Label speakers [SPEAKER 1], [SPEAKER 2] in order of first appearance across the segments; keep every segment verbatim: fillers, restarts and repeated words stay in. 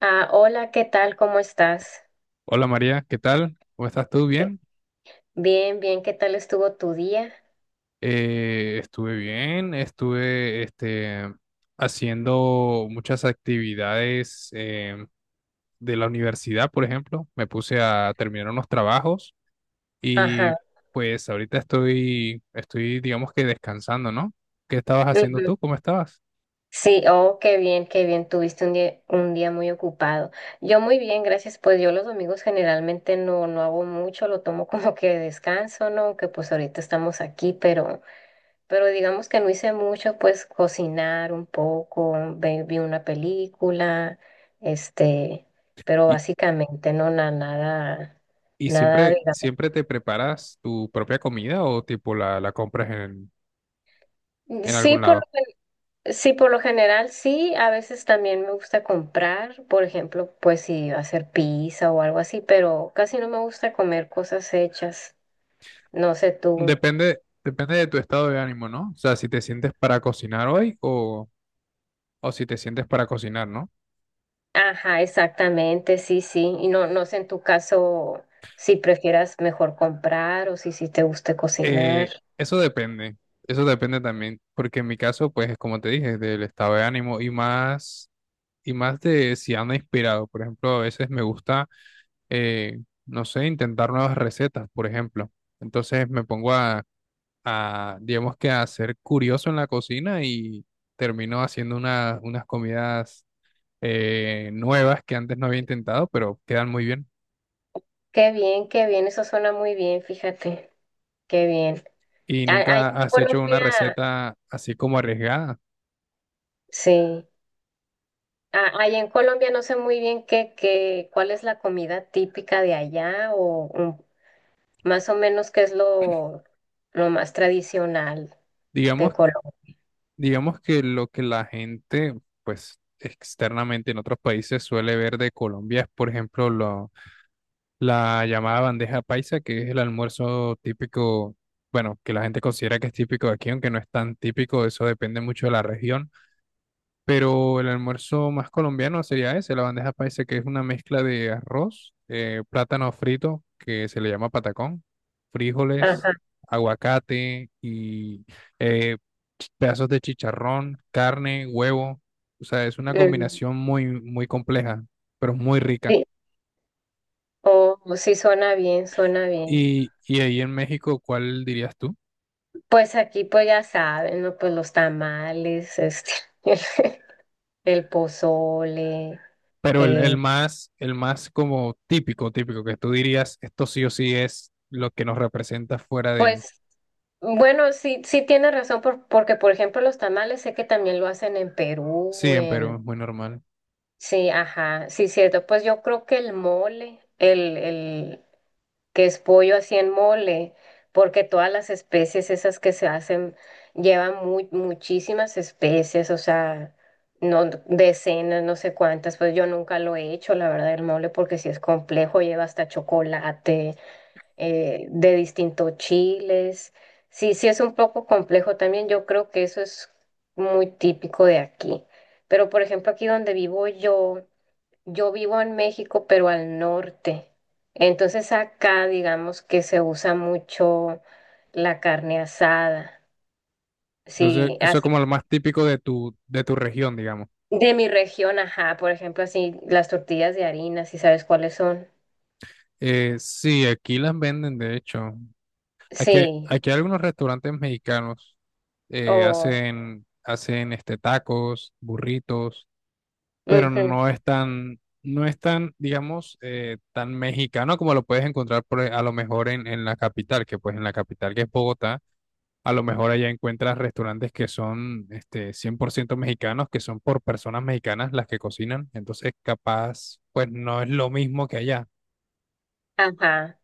[SPEAKER 1] Ah, hola, ¿qué tal? ¿Cómo estás?
[SPEAKER 2] Hola María, ¿qué tal? ¿Cómo estás tú?
[SPEAKER 1] Eh,
[SPEAKER 2] ¿Bien?
[SPEAKER 1] Bien, bien, ¿qué tal estuvo tu día?
[SPEAKER 2] Eh, estuve bien, estuve este, haciendo muchas actividades eh, de la universidad, por ejemplo. Me puse a terminar unos trabajos y
[SPEAKER 1] Ajá.
[SPEAKER 2] pues ahorita estoy, estoy digamos que descansando, ¿no? ¿Qué estabas haciendo
[SPEAKER 1] Ujú.
[SPEAKER 2] tú? ¿Cómo estabas?
[SPEAKER 1] Sí, oh, qué bien, qué bien, tuviste un día, un día muy ocupado. Yo muy bien, gracias. Pues yo los domingos generalmente no, no hago mucho, lo tomo como que de descanso, ¿no? Aunque pues ahorita estamos aquí, pero, pero digamos que no hice mucho, pues cocinar un poco, ve- vi una película, este, pero
[SPEAKER 2] ¿Y,
[SPEAKER 1] básicamente no, na- nada,
[SPEAKER 2] ¿y
[SPEAKER 1] nada,
[SPEAKER 2] siempre,
[SPEAKER 1] digamos.
[SPEAKER 2] siempre te preparas tu propia comida o tipo la, la compras en, en
[SPEAKER 1] Sí,
[SPEAKER 2] algún
[SPEAKER 1] por
[SPEAKER 2] lado?
[SPEAKER 1] Sí, por lo general sí, a veces también me gusta comprar, por ejemplo, pues si hacer pizza o algo así, pero casi no me gusta comer cosas hechas. No sé tú.
[SPEAKER 2] Depende, depende de tu estado de ánimo, ¿no? O sea, si te sientes para cocinar hoy o, o si te sientes para cocinar, ¿no?
[SPEAKER 1] Ajá, exactamente, sí, sí. Y no, no sé en tu caso si prefieras mejor comprar o si sí te guste cocinar.
[SPEAKER 2] Eh, eso depende, eso depende también, porque en mi caso, pues, es como te dije, del estado de ánimo y más, y más de si ando inspirado. Por ejemplo, a veces me gusta, eh, no sé, intentar nuevas recetas, por ejemplo. Entonces me pongo a, a, digamos que a ser curioso en la cocina y termino haciendo una- unas comidas eh, nuevas que antes no había intentado, pero quedan muy bien.
[SPEAKER 1] Qué bien, qué bien, eso suena muy bien, fíjate, qué bien.
[SPEAKER 2] Y
[SPEAKER 1] A- Allá en
[SPEAKER 2] nunca has hecho una
[SPEAKER 1] Colombia,
[SPEAKER 2] receta así como arriesgada.
[SPEAKER 1] sí. Ah, ahí en Colombia no sé muy bien qué, qué, cuál es la comida típica de allá o mm, más o menos qué es lo, lo más tradicional de
[SPEAKER 2] Digamos,
[SPEAKER 1] Colombia.
[SPEAKER 2] digamos que lo que la gente, pues externamente en otros países suele ver de Colombia es, por ejemplo, lo, la llamada bandeja paisa, que es el almuerzo típico, bueno, que la gente considera que es típico de aquí, aunque no es tan típico, eso depende mucho de la región. Pero el almuerzo más colombiano sería ese, la bandeja paisa, que es una mezcla de arroz, eh, plátano frito, que se le llama patacón, frijoles,
[SPEAKER 1] Ajá.
[SPEAKER 2] aguacate y eh, ch- pedazos de chicharrón, carne, huevo. O sea, es una
[SPEAKER 1] Mm,
[SPEAKER 2] combinación muy, muy compleja, pero muy rica.
[SPEAKER 1] sí. Oh, sí suena bien, suena bien.
[SPEAKER 2] Y, y ahí en México, ¿cuál dirías tú?
[SPEAKER 1] Pues aquí pues ya saben, ¿no? Pues los tamales, este, el pozole,
[SPEAKER 2] Pero el, el
[SPEAKER 1] eh,
[SPEAKER 2] más, el más como típico, típico, que tú dirías, esto sí o sí es lo que nos representa fuera de.
[SPEAKER 1] pues bueno, sí, sí tiene razón por- porque por ejemplo los tamales sé que también lo hacen en
[SPEAKER 2] Sí,
[SPEAKER 1] Perú,
[SPEAKER 2] en Perú
[SPEAKER 1] en
[SPEAKER 2] es muy normal.
[SPEAKER 1] Sí, ajá, sí, cierto. Pues yo creo que el mole, el, el que es pollo así en mole, porque todas las especies esas que se hacen llevan muy muchísimas especies, o sea, no decenas, no sé cuántas. Pues yo nunca lo he hecho, la verdad, el mole, porque sí es complejo, lleva hasta chocolate, eh, de distintos chiles. Sí, sí es un poco complejo también. Yo creo que eso es muy típico de aquí. Pero por ejemplo, aquí donde vivo yo yo vivo en México, pero al norte. Entonces acá digamos que se usa mucho la carne asada.
[SPEAKER 2] Entonces,
[SPEAKER 1] Sí,
[SPEAKER 2] eso es
[SPEAKER 1] así.
[SPEAKER 2] como lo más típico de tu, de tu región, digamos.
[SPEAKER 1] De mi región, ajá, por ejemplo, así las tortillas de harina, si sabes cuáles son.
[SPEAKER 2] Eh, sí, aquí las venden, de hecho. Aquí,
[SPEAKER 1] Sí,
[SPEAKER 2] aquí hay algunos restaurantes mexicanos eh,
[SPEAKER 1] o...
[SPEAKER 2] hacen, hacen este, tacos, burritos, pero
[SPEAKER 1] Ujú,
[SPEAKER 2] no es tan, no es tan, digamos, eh, tan mexicano como lo puedes encontrar por, e- a lo mejor en, en la capital, que pues en la capital que es Bogotá. A lo mejor allá encuentras restaurantes que son este, cien por ciento mexicanos, que son por personas mexicanas las que cocinan. Entonces, capaz, pues no es lo mismo que allá.
[SPEAKER 1] ajá.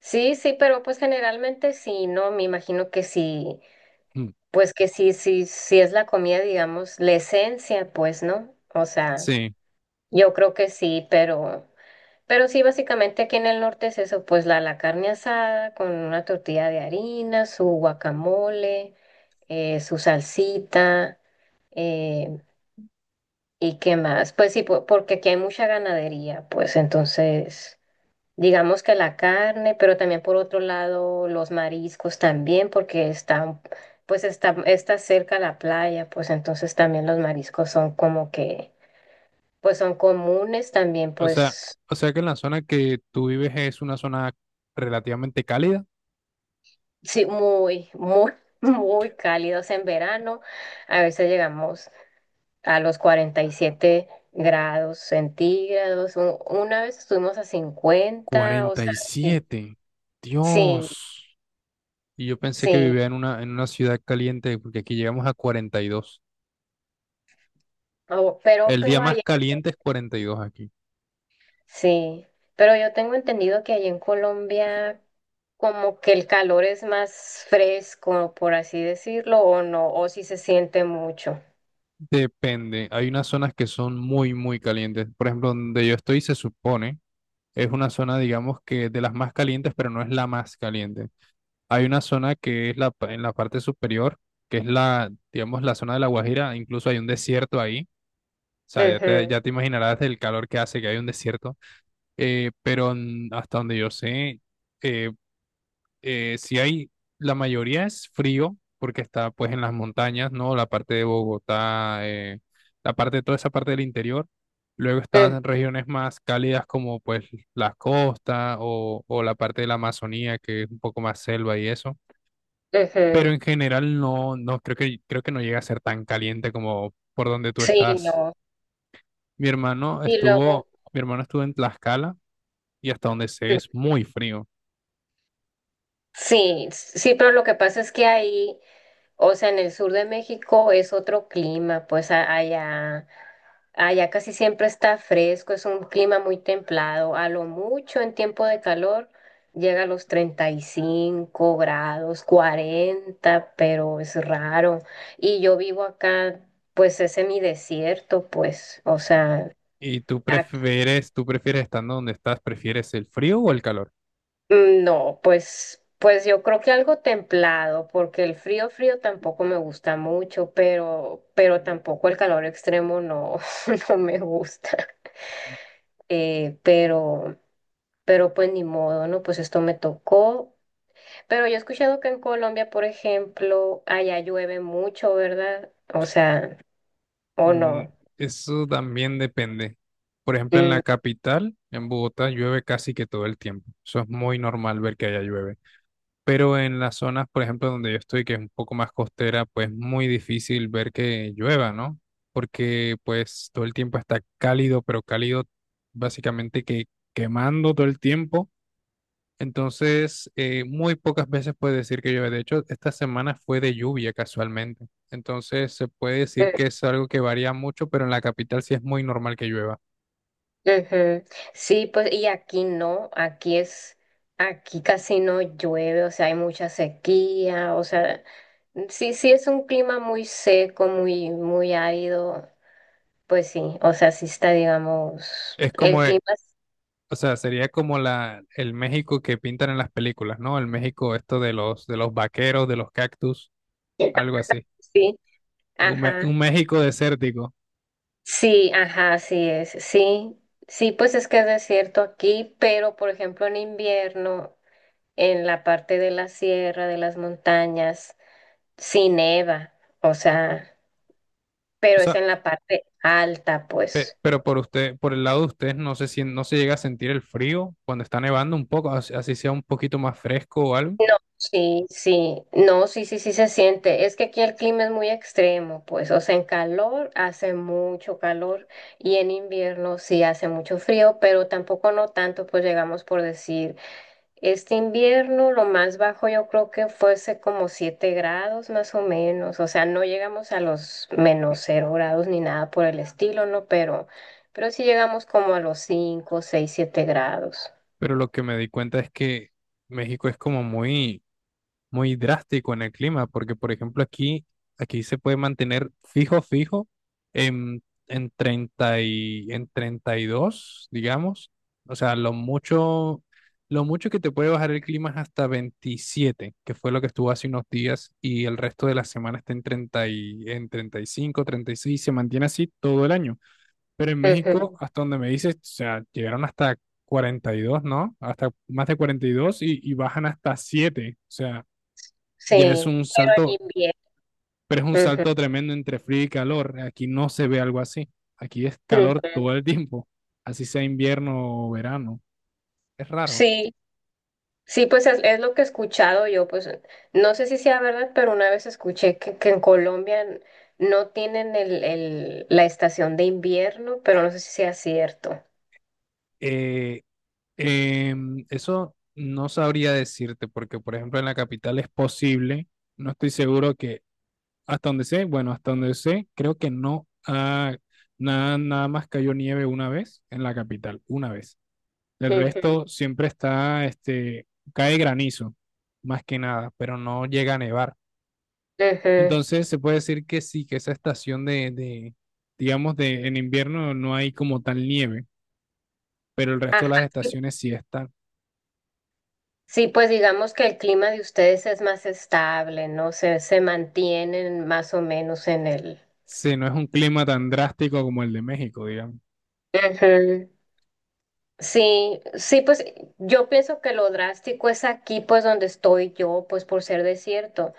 [SPEAKER 1] Sí, sí, pero pues generalmente sí, ¿no? Me imagino que sí,
[SPEAKER 2] Mm.
[SPEAKER 1] pues que sí, sí, sí es la comida, digamos, la esencia, pues, ¿no? O sea,
[SPEAKER 2] Sí,
[SPEAKER 1] yo creo que sí, pero... Pero sí, básicamente aquí en el norte es eso, pues la, la carne asada con una tortilla de harina, su guacamole, eh, su salsita, eh, ¿y qué más? Pues sí, po- porque aquí hay mucha ganadería, pues entonces, digamos que la carne, pero también por otro lado los mariscos también, porque está, pues está, está cerca la playa, pues entonces también los mariscos son como que, pues son comunes también,
[SPEAKER 2] o sea,
[SPEAKER 1] pues.
[SPEAKER 2] o sea que en la zona que tú vives es una zona relativamente cálida.
[SPEAKER 1] Sí, muy, muy, muy cálidos en verano. A veces llegamos a los cuarenta y siete grados centígrados. U- Una vez estuvimos a cincuenta, o
[SPEAKER 2] Cuarenta
[SPEAKER 1] sea,
[SPEAKER 2] y
[SPEAKER 1] sí,
[SPEAKER 2] siete.
[SPEAKER 1] sí,
[SPEAKER 2] Dios. Y yo pensé que
[SPEAKER 1] sí.
[SPEAKER 2] vivía en una, en una ciudad caliente, porque aquí llegamos a cuarenta y dos.
[SPEAKER 1] Oh, pero,
[SPEAKER 2] El día
[SPEAKER 1] pero
[SPEAKER 2] más
[SPEAKER 1] allá,
[SPEAKER 2] caliente es cuarenta y dos aquí.
[SPEAKER 1] sí. Pero yo tengo entendido que allá en Colombia como que el calor es más fresco, por así decirlo, o no, o si se siente mucho.
[SPEAKER 2] Depende, hay unas zonas que son muy, muy calientes. Por ejemplo, donde yo estoy se supone, es una zona, digamos que de las más calientes, pero no es la más caliente. Hay una zona que es la, pa- en la parte superior, que es la, digamos, la zona de La Guajira, incluso hay un desierto ahí. O sea, ya te,
[SPEAKER 1] Ujú,
[SPEAKER 2] ya te imaginarás el calor que hace que hay un desierto. Eh, pero mm, hasta donde yo sé, eh, eh, sí hay, la mayoría es frío porque está pues en las montañas, ¿no? La parte de Bogotá, eh, la parte, toda esa parte del interior. Luego
[SPEAKER 1] ujú,
[SPEAKER 2] están regiones más cálidas como pues las costas o, o la parte de la Amazonía que es un poco más selva y eso. Pero
[SPEAKER 1] ujú.
[SPEAKER 2] en general no, no creo que, creo que no llega a ser tan caliente como por donde tú
[SPEAKER 1] Sí,
[SPEAKER 2] estás.
[SPEAKER 1] no.
[SPEAKER 2] Mi hermano
[SPEAKER 1] Y luego...
[SPEAKER 2] estuvo, mi hermano estuvo en Tlaxcala y hasta donde sé es muy frío.
[SPEAKER 1] Sí, sí, pero lo que pasa es que ahí, o sea, en el sur de México es otro clima, pues a- allá, allá casi siempre está fresco, es un clima muy templado, a lo mucho en tiempo de calor llega a los treinta y cinco grados, cuarenta, pero es raro. Y yo vivo acá, pues es semidesierto, pues, o sea,
[SPEAKER 2] ¿Y tú prefieres, tú prefieres estando donde estás, prefieres el frío o el calor?
[SPEAKER 1] Mm, no, pues, pues, yo creo que algo templado, porque el frío frío tampoco me gusta mucho, pero, pero tampoco el calor extremo no, no me gusta. Eh, pero, pero pues ni modo, ¿no? Pues esto me tocó. Pero yo he escuchado que en Colombia, por ejemplo, allá llueve mucho, ¿verdad? O sea, o
[SPEAKER 2] Mm.
[SPEAKER 1] no.
[SPEAKER 2] Eso también depende. Por ejemplo, en
[SPEAKER 1] Mm,
[SPEAKER 2] la capital, en Bogotá, llueve casi que todo el tiempo. Eso es muy normal ver que haya llueve. Pero en las zonas, por ejemplo, donde yo estoy, que es un poco más costera, pues muy difícil ver que llueva, ¿no? Porque pues todo el tiempo está cálido, pero cálido básicamente que quemando todo el tiempo. Entonces, eh, muy pocas veces puede decir que llueve. De hecho, esta semana fue de lluvia casualmente. Entonces, se puede decir
[SPEAKER 1] mm.
[SPEAKER 2] que es algo que varía mucho, pero en la capital sí es muy normal que llueva.
[SPEAKER 1] Ujú. Sí, pues y aquí no, aquí es, aquí casi no llueve, o sea, hay mucha sequía, o sea, sí, sí es un clima muy seco, muy, muy árido, pues sí, o sea, sí está, digamos,
[SPEAKER 2] Es
[SPEAKER 1] el
[SPEAKER 2] como,
[SPEAKER 1] clima,
[SPEAKER 2] eh,
[SPEAKER 1] es-
[SPEAKER 2] o sea, sería como la, el México que pintan en las películas, ¿no? El México esto de los, de los vaqueros, de los cactus, algo así.
[SPEAKER 1] sí,
[SPEAKER 2] Un, Me-
[SPEAKER 1] ajá,
[SPEAKER 2] un México desértico.
[SPEAKER 1] sí, ajá, así es, sí, sí, pues es que es desierto aquí, pero por ejemplo en invierno, en la parte de la sierra, de las montañas, sí neva, o sea,
[SPEAKER 2] O
[SPEAKER 1] pero es
[SPEAKER 2] sea,
[SPEAKER 1] en la parte alta,
[SPEAKER 2] pe-
[SPEAKER 1] pues.
[SPEAKER 2] pero por usted, por el lado de ustedes, no se sien- no se llega a sentir el frío cuando está nevando un poco, así así sea un poquito más fresco o algo.
[SPEAKER 1] No, sí, sí, no, sí, sí, sí se siente. Es que aquí el clima es muy extremo, pues, o sea, en calor hace mucho calor y en invierno sí hace mucho frío, pero tampoco no tanto, pues llegamos por decir, este invierno lo más bajo yo creo que fuese como siete grados más o menos, o sea, no llegamos a los menos cero grados ni nada por el estilo, ¿no? Pero, pero, sí llegamos como a los cinco seis siete grados.
[SPEAKER 2] Pero lo que me di cuenta es que México es como muy, muy drástico en el clima, porque por ejemplo aquí, aquí se puede mantener fijo, fijo en, en treinta y, en treinta y dos digamos. O sea, lo mucho, lo mucho que te puede bajar el clima es hasta veintisiete que fue lo que estuvo hace unos días, y el resto de la semana está en treinta y, en treinta y cinco treinta y seis se mantiene así todo el año. Pero en México, hasta donde me dices, o sea, llegaron hasta cuarenta y dos, ¿no? Hasta más de cuarenta y, dos y y bajan hasta siete. O sea, ya es
[SPEAKER 1] Sí,
[SPEAKER 2] un
[SPEAKER 1] pero en
[SPEAKER 2] salto,
[SPEAKER 1] invierno.
[SPEAKER 2] pero es un
[SPEAKER 1] Ujú,
[SPEAKER 2] salto tremendo entre frío y calor. Aquí no se ve algo así. Aquí es calor
[SPEAKER 1] ujú.
[SPEAKER 2] todo el tiempo, así sea invierno o verano. Es raro.
[SPEAKER 1] Sí, sí, pues es, es lo que he escuchado yo, pues no sé si sea verdad, pero una vez escuché que, que en Colombia n- no tienen el, el, la estación de invierno, pero no sé si sea cierto.
[SPEAKER 2] Eh, em, eso no sabría decirte, porque por ejemplo en la capital es posible, no estoy seguro que. Hasta donde sé, bueno, hasta donde sé, creo que no ha, nada, nada más cayó nieve una vez en la capital, una vez. El
[SPEAKER 1] Ujú,
[SPEAKER 2] resto siempre está, este, cae granizo, más que nada, pero no llega a nevar.
[SPEAKER 1] ujú.
[SPEAKER 2] Entonces se puede decir que sí, que esa estación de, de, digamos, de en invierno no hay como tal nieve, pero el resto de
[SPEAKER 1] Ajá.
[SPEAKER 2] las
[SPEAKER 1] Sí,
[SPEAKER 2] estaciones sí están.
[SPEAKER 1] sí, pues digamos que el clima de ustedes es más estable, ¿no? Se, se mantienen más o menos en el...
[SPEAKER 2] Sí, no es un clima tan drástico como el de México, digamos.
[SPEAKER 1] Ujú. Sí, sí, pues yo pienso que lo drástico es aquí, pues donde estoy yo, pues por ser desierto,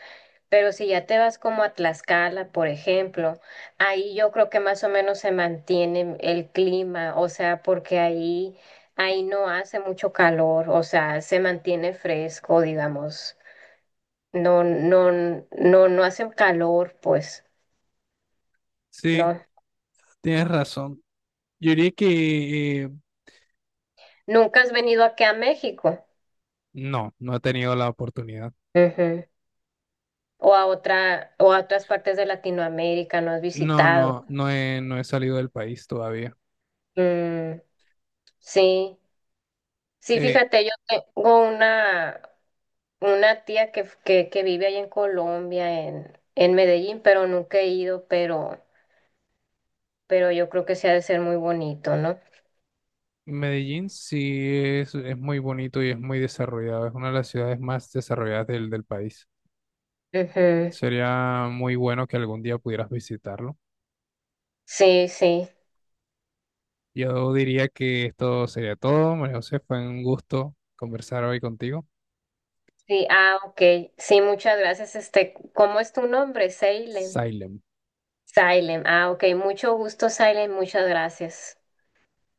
[SPEAKER 1] pero si ya te vas como a Tlaxcala, por ejemplo, ahí yo creo que más o menos se mantiene el clima, o sea, porque ahí, ahí no hace mucho calor, o sea, se mantiene fresco, digamos, no, no, no, no hace calor, pues,
[SPEAKER 2] Sí,
[SPEAKER 1] no.
[SPEAKER 2] tienes razón. Yo diría que eh,
[SPEAKER 1] ¿Nunca has venido aquí a México?
[SPEAKER 2] no, no he tenido la oportunidad.
[SPEAKER 1] O a otra, o a otras partes de Latinoamérica, no has
[SPEAKER 2] No,
[SPEAKER 1] visitado.
[SPEAKER 2] no, no he, no he salido del país todavía.
[SPEAKER 1] Mm, sí, sí,
[SPEAKER 2] Eh,
[SPEAKER 1] fíjate, yo tengo una, una, tía que, que, que vive ahí en Colombia, en, en Medellín, pero nunca he ido, pero, pero yo creo que sí ha de ser muy bonito, ¿no?
[SPEAKER 2] Medellín sí es, es muy bonito y es muy desarrollado. Es una de las ciudades más desarrolladas del, del país.
[SPEAKER 1] Ujú.
[SPEAKER 2] Sería muy bueno que algún día pudieras visitarlo.
[SPEAKER 1] Sí, sí,
[SPEAKER 2] Yo diría que esto sería todo. María José, fue un gusto conversar hoy contigo.
[SPEAKER 1] sí, ah, ok, sí, muchas gracias. Este, ¿cómo es tu nombre? Salem.
[SPEAKER 2] Silent.
[SPEAKER 1] Salem, ah, ok, mucho gusto, Salem, muchas gracias.